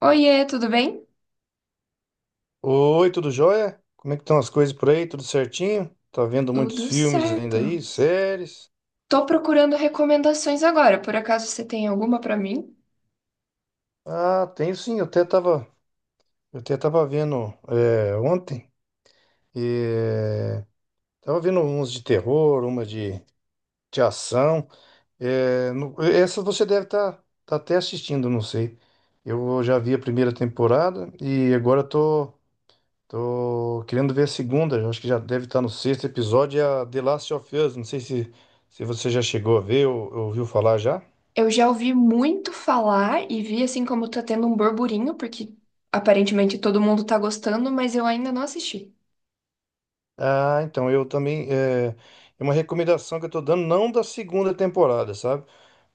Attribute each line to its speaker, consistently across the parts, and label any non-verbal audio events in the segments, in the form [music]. Speaker 1: Oiê, tudo bem?
Speaker 2: Oi, tudo jóia? Como é que estão as coisas por aí? Tudo certinho? Tá vendo muitos
Speaker 1: Tudo
Speaker 2: filmes ainda
Speaker 1: certo.
Speaker 2: aí, séries?
Speaker 1: Tô procurando recomendações agora. Por acaso você tem alguma pra mim?
Speaker 2: Ah, tenho sim, eu até tava vendo ontem. é, Tava vendo uns de terror, de ação. Essa você deve estar tá até assistindo, não sei. Eu já vi a primeira temporada e agora tô. Tô querendo ver a segunda, eu acho que já deve estar no sexto episódio, é a The Last of Us. Não sei se, Se você já chegou a ver ou ouviu falar já.
Speaker 1: Eu já ouvi muito falar e vi assim como tá tendo um burburinho, porque aparentemente todo mundo tá gostando, mas eu ainda não assisti.
Speaker 2: Ah, então eu também. É uma recomendação que eu tô dando, não da segunda temporada, sabe?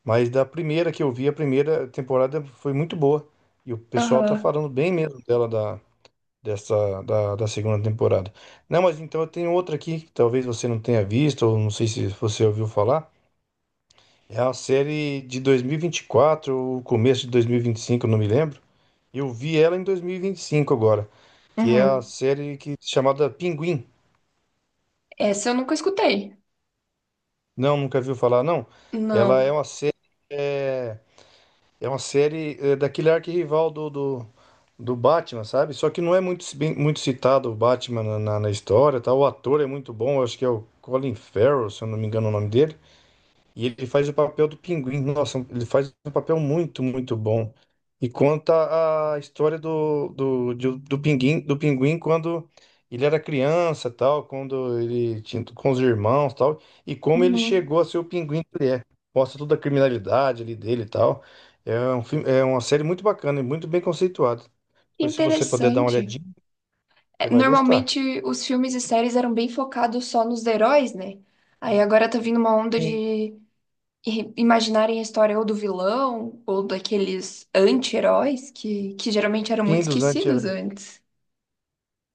Speaker 2: Mas da primeira que eu vi, a primeira temporada foi muito boa. E o pessoal tá
Speaker 1: Aham.
Speaker 2: falando bem mesmo dela, da, dessa, da, da segunda temporada. Não, mas então eu tenho outra aqui, que talvez você não tenha visto, ou não sei se você ouviu falar. É a série de 2024, o começo de 2025, eu não me lembro. Eu vi ela em 2025 agora, que é a
Speaker 1: Uhum.
Speaker 2: série que chamada Pinguim.
Speaker 1: Essa eu nunca escutei.
Speaker 2: Não, nunca viu falar, não. Ela é
Speaker 1: Não.
Speaker 2: uma série, é, É uma série daquele arquirrival do Batman, sabe? Só que não é muito citado o Batman na história, tá? O ator é muito bom, eu acho que é o Colin Farrell, se eu não me engano o nome dele. E ele faz o papel do pinguim. Nossa, ele faz um papel muito, muito bom. E conta a história pinguim, do pinguim quando ele era criança, tal, quando ele tinha com os irmãos, tal, e como ele
Speaker 1: Uhum.
Speaker 2: chegou a ser o pinguim que ele é. Mostra toda a criminalidade ali dele e tal. É um filme, é uma série muito bacana e muito bem conceituada.
Speaker 1: Que
Speaker 2: Pois se você puder dar uma
Speaker 1: interessante.
Speaker 2: olhadinha, você
Speaker 1: É,
Speaker 2: vai gostar.
Speaker 1: normalmente os filmes e séries eram bem focados só nos heróis, né? Aí agora tá vindo uma onda
Speaker 2: Sim.
Speaker 1: de e imaginarem a história ou do vilão ou daqueles anti-heróis que geralmente eram muito
Speaker 2: Fim dos Antes.
Speaker 1: esquecidos antes.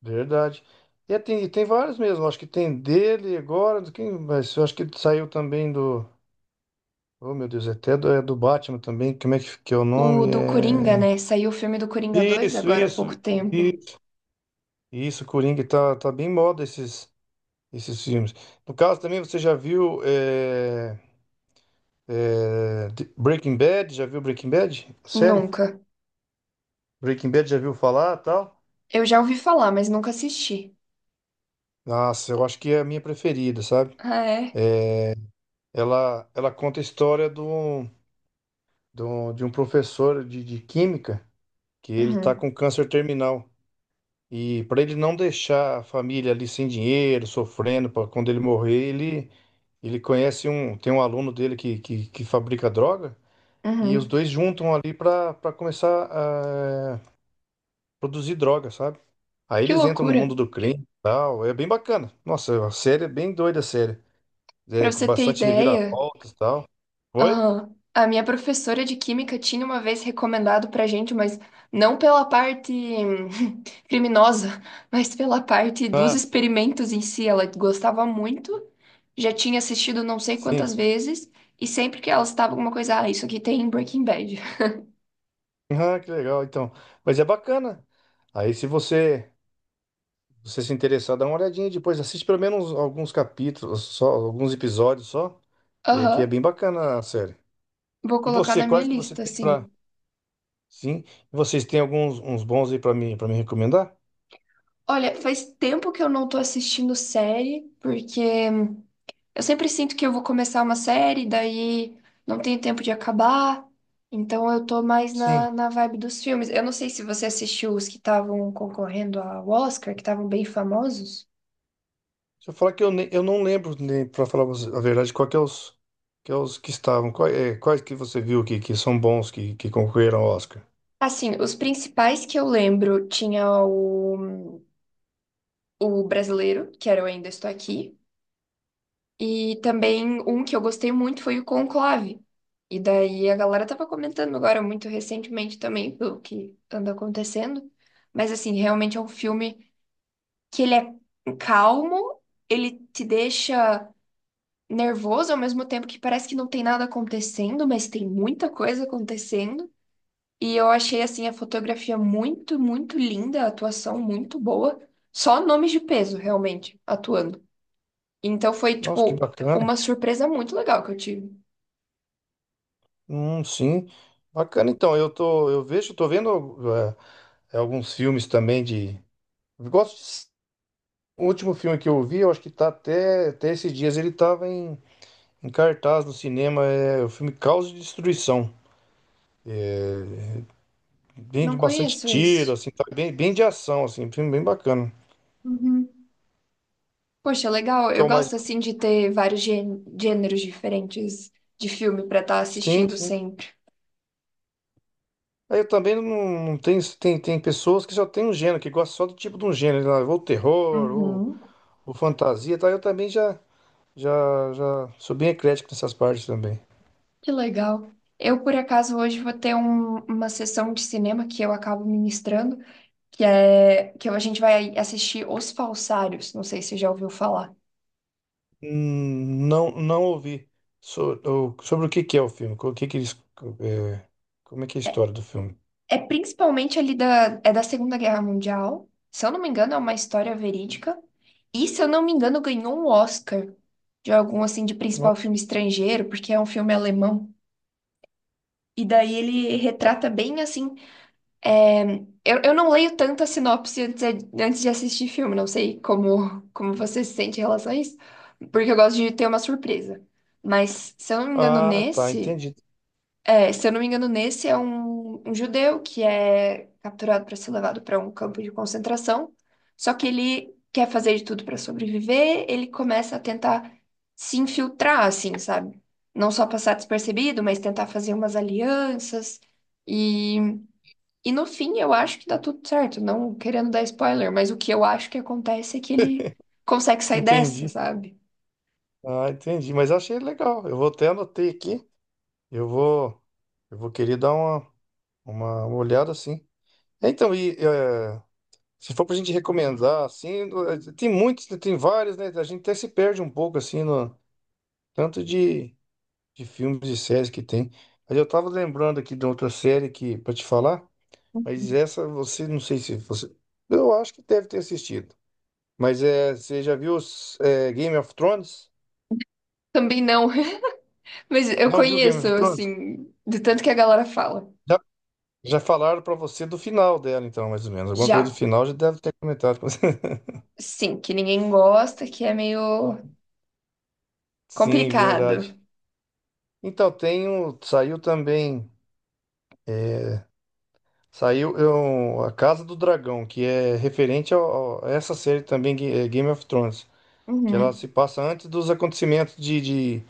Speaker 2: Verdade. E tem vários mesmo, acho que tem dele agora, do quem, mas eu acho que saiu também do. Oh, meu Deus, é até do, é do Batman também. Como é que é o
Speaker 1: O
Speaker 2: nome?
Speaker 1: do Coringa,
Speaker 2: É...
Speaker 1: né? Saiu o filme do Coringa 2
Speaker 2: Isso,
Speaker 1: agora há pouco
Speaker 2: isso,
Speaker 1: tempo.
Speaker 2: isso, isso, Coringa, tá bem em moda esses filmes. No caso também, você já viu Breaking Bad? Já viu Breaking Bad? Série?
Speaker 1: Nunca.
Speaker 2: Breaking Bad já viu falar tal?
Speaker 1: Eu já ouvi falar, mas nunca assisti.
Speaker 2: Nossa, eu acho que é a minha preferida, sabe?
Speaker 1: Ah, é?
Speaker 2: Ela conta a história do de um professor de química que ele tá
Speaker 1: Uhum.
Speaker 2: com câncer terminal. E para ele não deixar a família ali sem dinheiro, sofrendo, para quando ele morrer, ele conhece um, tem um aluno dele que fabrica droga e os
Speaker 1: Uhum.
Speaker 2: dois juntam ali para começar a produzir droga, sabe? Aí
Speaker 1: Que
Speaker 2: eles entram no
Speaker 1: loucura.
Speaker 2: mundo do crime e tal, é bem bacana. Nossa, a série é bem doida, a série.
Speaker 1: Pra
Speaker 2: É, com
Speaker 1: você ter
Speaker 2: bastante
Speaker 1: ideia.
Speaker 2: reviravoltas e tal. Oi?
Speaker 1: Aham, a minha professora de química tinha uma vez recomendado pra gente, mas não pela parte [laughs] criminosa, mas pela parte dos
Speaker 2: Ah,
Speaker 1: experimentos em si. Ela gostava muito, já tinha assistido não sei
Speaker 2: sim.
Speaker 1: quantas vezes, e sempre que ela estava alguma coisa, ah, isso aqui tem em Breaking Bad. [laughs]
Speaker 2: Ah, que legal, então. Mas é bacana. Aí, se você, Você se interessar, dá uma olhadinha depois. Assiste pelo menos alguns capítulos, só alguns episódios só, que é
Speaker 1: Aham,
Speaker 2: bem bacana a série.
Speaker 1: vou
Speaker 2: E
Speaker 1: colocar
Speaker 2: você,
Speaker 1: na minha
Speaker 2: quais que você
Speaker 1: lista,
Speaker 2: tem pra.
Speaker 1: assim.
Speaker 2: Sim, vocês têm alguns uns bons aí pra mim, para me recomendar?
Speaker 1: Olha, faz tempo que eu não tô assistindo série, porque eu sempre sinto que eu vou começar uma série, daí não tenho tempo de acabar. Então eu tô mais na,
Speaker 2: Sim.
Speaker 1: na vibe dos filmes. Eu não sei se você assistiu os que estavam concorrendo ao Oscar, que estavam bem famosos.
Speaker 2: Deixa eu falar que eu não lembro, nem, para falar você a verdade, qual que é os que, é os que estavam, quais que você viu que são bons, que concorreram ao Oscar.
Speaker 1: Assim, os principais que eu lembro tinha o brasileiro, que era o Ainda Estou Aqui, e também um que eu gostei muito foi o Conclave. E daí a galera tava comentando agora muito recentemente também pelo que anda acontecendo, mas assim, realmente é um filme que ele é calmo, ele te deixa nervoso ao mesmo tempo que parece que não tem nada acontecendo, mas tem muita coisa acontecendo. E eu achei assim a fotografia muito, muito linda, a atuação muito boa. Só nomes de peso realmente atuando. Então foi
Speaker 2: Nossa, que
Speaker 1: tipo
Speaker 2: bacana.
Speaker 1: uma surpresa muito legal que eu tive.
Speaker 2: Sim. Bacana, então, eu vejo, tô vendo alguns filmes também de. Eu gosto de... O último filme que eu vi, eu acho que tá até esses dias, em cartaz no cinema, é o filme Caos e Destruição. Bem
Speaker 1: Não
Speaker 2: de bastante
Speaker 1: conheço
Speaker 2: tiro,
Speaker 1: esse.
Speaker 2: assim, bem de ação, assim, um filme bem bacana.
Speaker 1: Uhum. Poxa, legal.
Speaker 2: Que é
Speaker 1: Eu
Speaker 2: o mais.
Speaker 1: gosto assim de ter vários gêneros diferentes de filme pra estar
Speaker 2: Sim,
Speaker 1: assistindo
Speaker 2: sim.
Speaker 1: sempre.
Speaker 2: Aí eu também não, não tem, tem, Tem pessoas que só tem um gênero, que gostam só do tipo de um gênero, lá,
Speaker 1: Uhum.
Speaker 2: ou fantasia, tá? Eu também já. Já sou bem eclético nessas partes também.
Speaker 1: Que legal. Eu, por acaso, hoje vou ter uma sessão de cinema que eu acabo ministrando, que é que a gente vai assistir Os Falsários. Não sei se você já ouviu falar.
Speaker 2: Não, não ouvi sobre o que que é o filme, o que que eles, é, como é que é a
Speaker 1: É,
Speaker 2: história do filme.
Speaker 1: é principalmente ali da Segunda Guerra Mundial. Se eu não me engano, é uma história verídica. E, se eu não me engano, ganhou um Oscar de algum, assim, de principal
Speaker 2: Nossa.
Speaker 1: filme estrangeiro, porque é um filme alemão. E daí ele retrata bem, assim, é, eu não leio tanta sinopse antes de assistir filme, não sei como você se sente em relação a isso, porque eu gosto de ter uma surpresa. Mas, se eu não me engano,
Speaker 2: Ah, tá,
Speaker 1: nesse,
Speaker 2: entendi,
Speaker 1: é, se eu não me engano, nesse é um judeu que é capturado para ser levado para um campo de concentração, só que ele quer fazer de tudo para sobreviver, ele começa a tentar se infiltrar, assim, sabe? Não só passar despercebido, mas tentar fazer umas alianças. E no fim, eu acho que dá tudo certo, não querendo dar spoiler, mas o que eu acho que acontece é que ele consegue sair dessa,
Speaker 2: entendi.
Speaker 1: sabe?
Speaker 2: Ah, entendi, mas achei legal. Eu vou até anotei aqui. Eu vou, eu vou querer dar uma olhada assim. Então, e é, Se for pra gente recomendar, tem muitos, tem vários, né? A gente até se perde um pouco assim no tanto de filmes e séries que tem. Mas eu tava lembrando aqui de outra série que para te falar, mas essa você não sei se você, eu acho que deve ter assistido. Você já viu os, Game of Thrones?
Speaker 1: Também não, [laughs] mas eu
Speaker 2: Não viu Game
Speaker 1: conheço,
Speaker 2: of Thrones?
Speaker 1: assim, de tanto que a galera fala.
Speaker 2: Já, Já falaram pra você do final dela, então, mais ou menos. Alguma coisa do
Speaker 1: Já,
Speaker 2: final já deve ter comentado com você.
Speaker 1: sim, que ninguém gosta, que é meio
Speaker 2: [laughs] Sim, verdade.
Speaker 1: complicado.
Speaker 2: Então, tem o, saiu também, saiu eu, A Casa do Dragão, que é referente a essa série também, Game of Thrones. Que ela
Speaker 1: Uhum.
Speaker 2: se passa antes dos acontecimentos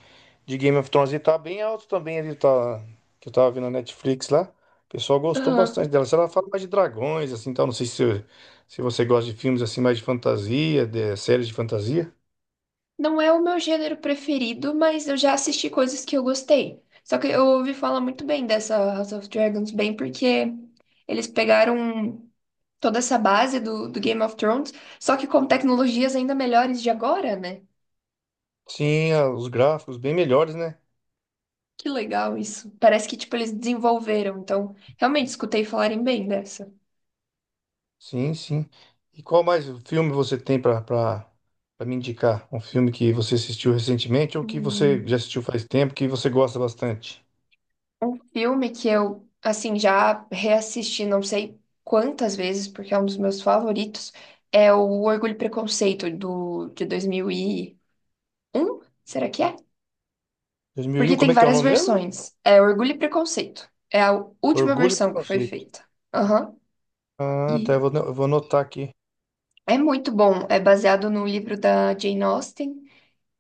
Speaker 2: de Game of Thrones. E tá bem alto também ali, tá, que eu tava vendo na Netflix lá. O pessoal gostou
Speaker 1: Aham.
Speaker 2: bastante dela. Se ela fala mais de dragões, assim, tal. Não sei se, Se você gosta de filmes assim, mais de fantasia, de séries de fantasia.
Speaker 1: Não é o meu gênero preferido, mas eu já assisti coisas que eu gostei. Só que eu ouvi falar muito bem dessa House of Dragons, bem porque eles pegaram toda essa base do Game of Thrones, só que com tecnologias ainda melhores de agora, né?
Speaker 2: Sim, a- os gráficos bem melhores, né?
Speaker 1: Que legal isso. Parece que, tipo, eles desenvolveram. Então, realmente, escutei falarem bem dessa.
Speaker 2: Sim, sim. E qual mais filme você tem para pra me indicar? Um filme que você assistiu recentemente ou que você já
Speaker 1: Hum,
Speaker 2: assistiu faz tempo, que você gosta bastante?
Speaker 1: Um filme que eu, assim, já reassisti não sei quantas vezes, porque é um dos meus favoritos, é o Orgulho e Preconceito, de 2001, será que é?
Speaker 2: Dois mil e
Speaker 1: Porque
Speaker 2: um. Como
Speaker 1: tem
Speaker 2: é que é o
Speaker 1: várias
Speaker 2: nome mesmo?
Speaker 1: versões. É Orgulho e Preconceito. É a última
Speaker 2: Orgulho e
Speaker 1: versão que foi
Speaker 2: Preconceito.
Speaker 1: feita. Aham.
Speaker 2: Ah, tá.
Speaker 1: E
Speaker 2: Eu vou anotar aqui.
Speaker 1: É muito bom. É baseado no livro da Jane Austen.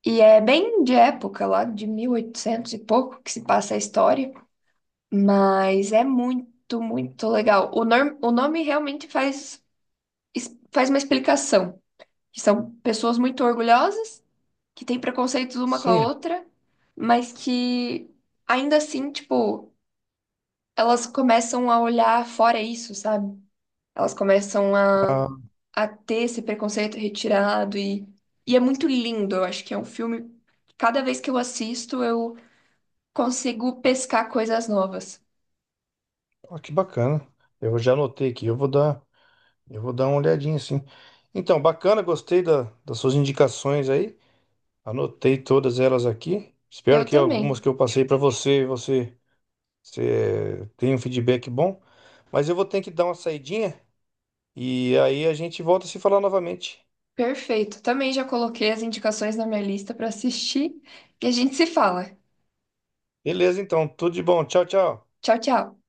Speaker 1: E é bem de época, lá de 1800 e oitocentos e pouco, que se passa a história. Mas é muito, muito legal. O nome realmente faz, faz uma explicação. Que são pessoas muito orgulhosas, que têm preconceitos uma com a
Speaker 2: Sim.
Speaker 1: outra, mas que ainda assim, tipo, elas começam a olhar fora isso, sabe? Elas começam a,
Speaker 2: Tá. Ah,
Speaker 1: a ter esse preconceito retirado e é muito lindo. Eu acho que é um filme. Cada vez que eu assisto, eu consigo pescar coisas novas.
Speaker 2: ó, que bacana. Eu já anotei aqui. Eu vou dar uma olhadinha, sim. Então, bacana. Gostei da, das suas indicações aí. Anotei todas elas aqui. Espero
Speaker 1: Eu
Speaker 2: que algumas
Speaker 1: também.
Speaker 2: que eu passei você tenha um feedback bom. Mas eu vou ter que dar uma saidinha e aí a gente volta a se falar novamente.
Speaker 1: Perfeito. Também já coloquei as indicações na minha lista para assistir e a gente se fala.
Speaker 2: Beleza, então. Tudo de bom. Tchau, tchau.
Speaker 1: Tchau, tchau.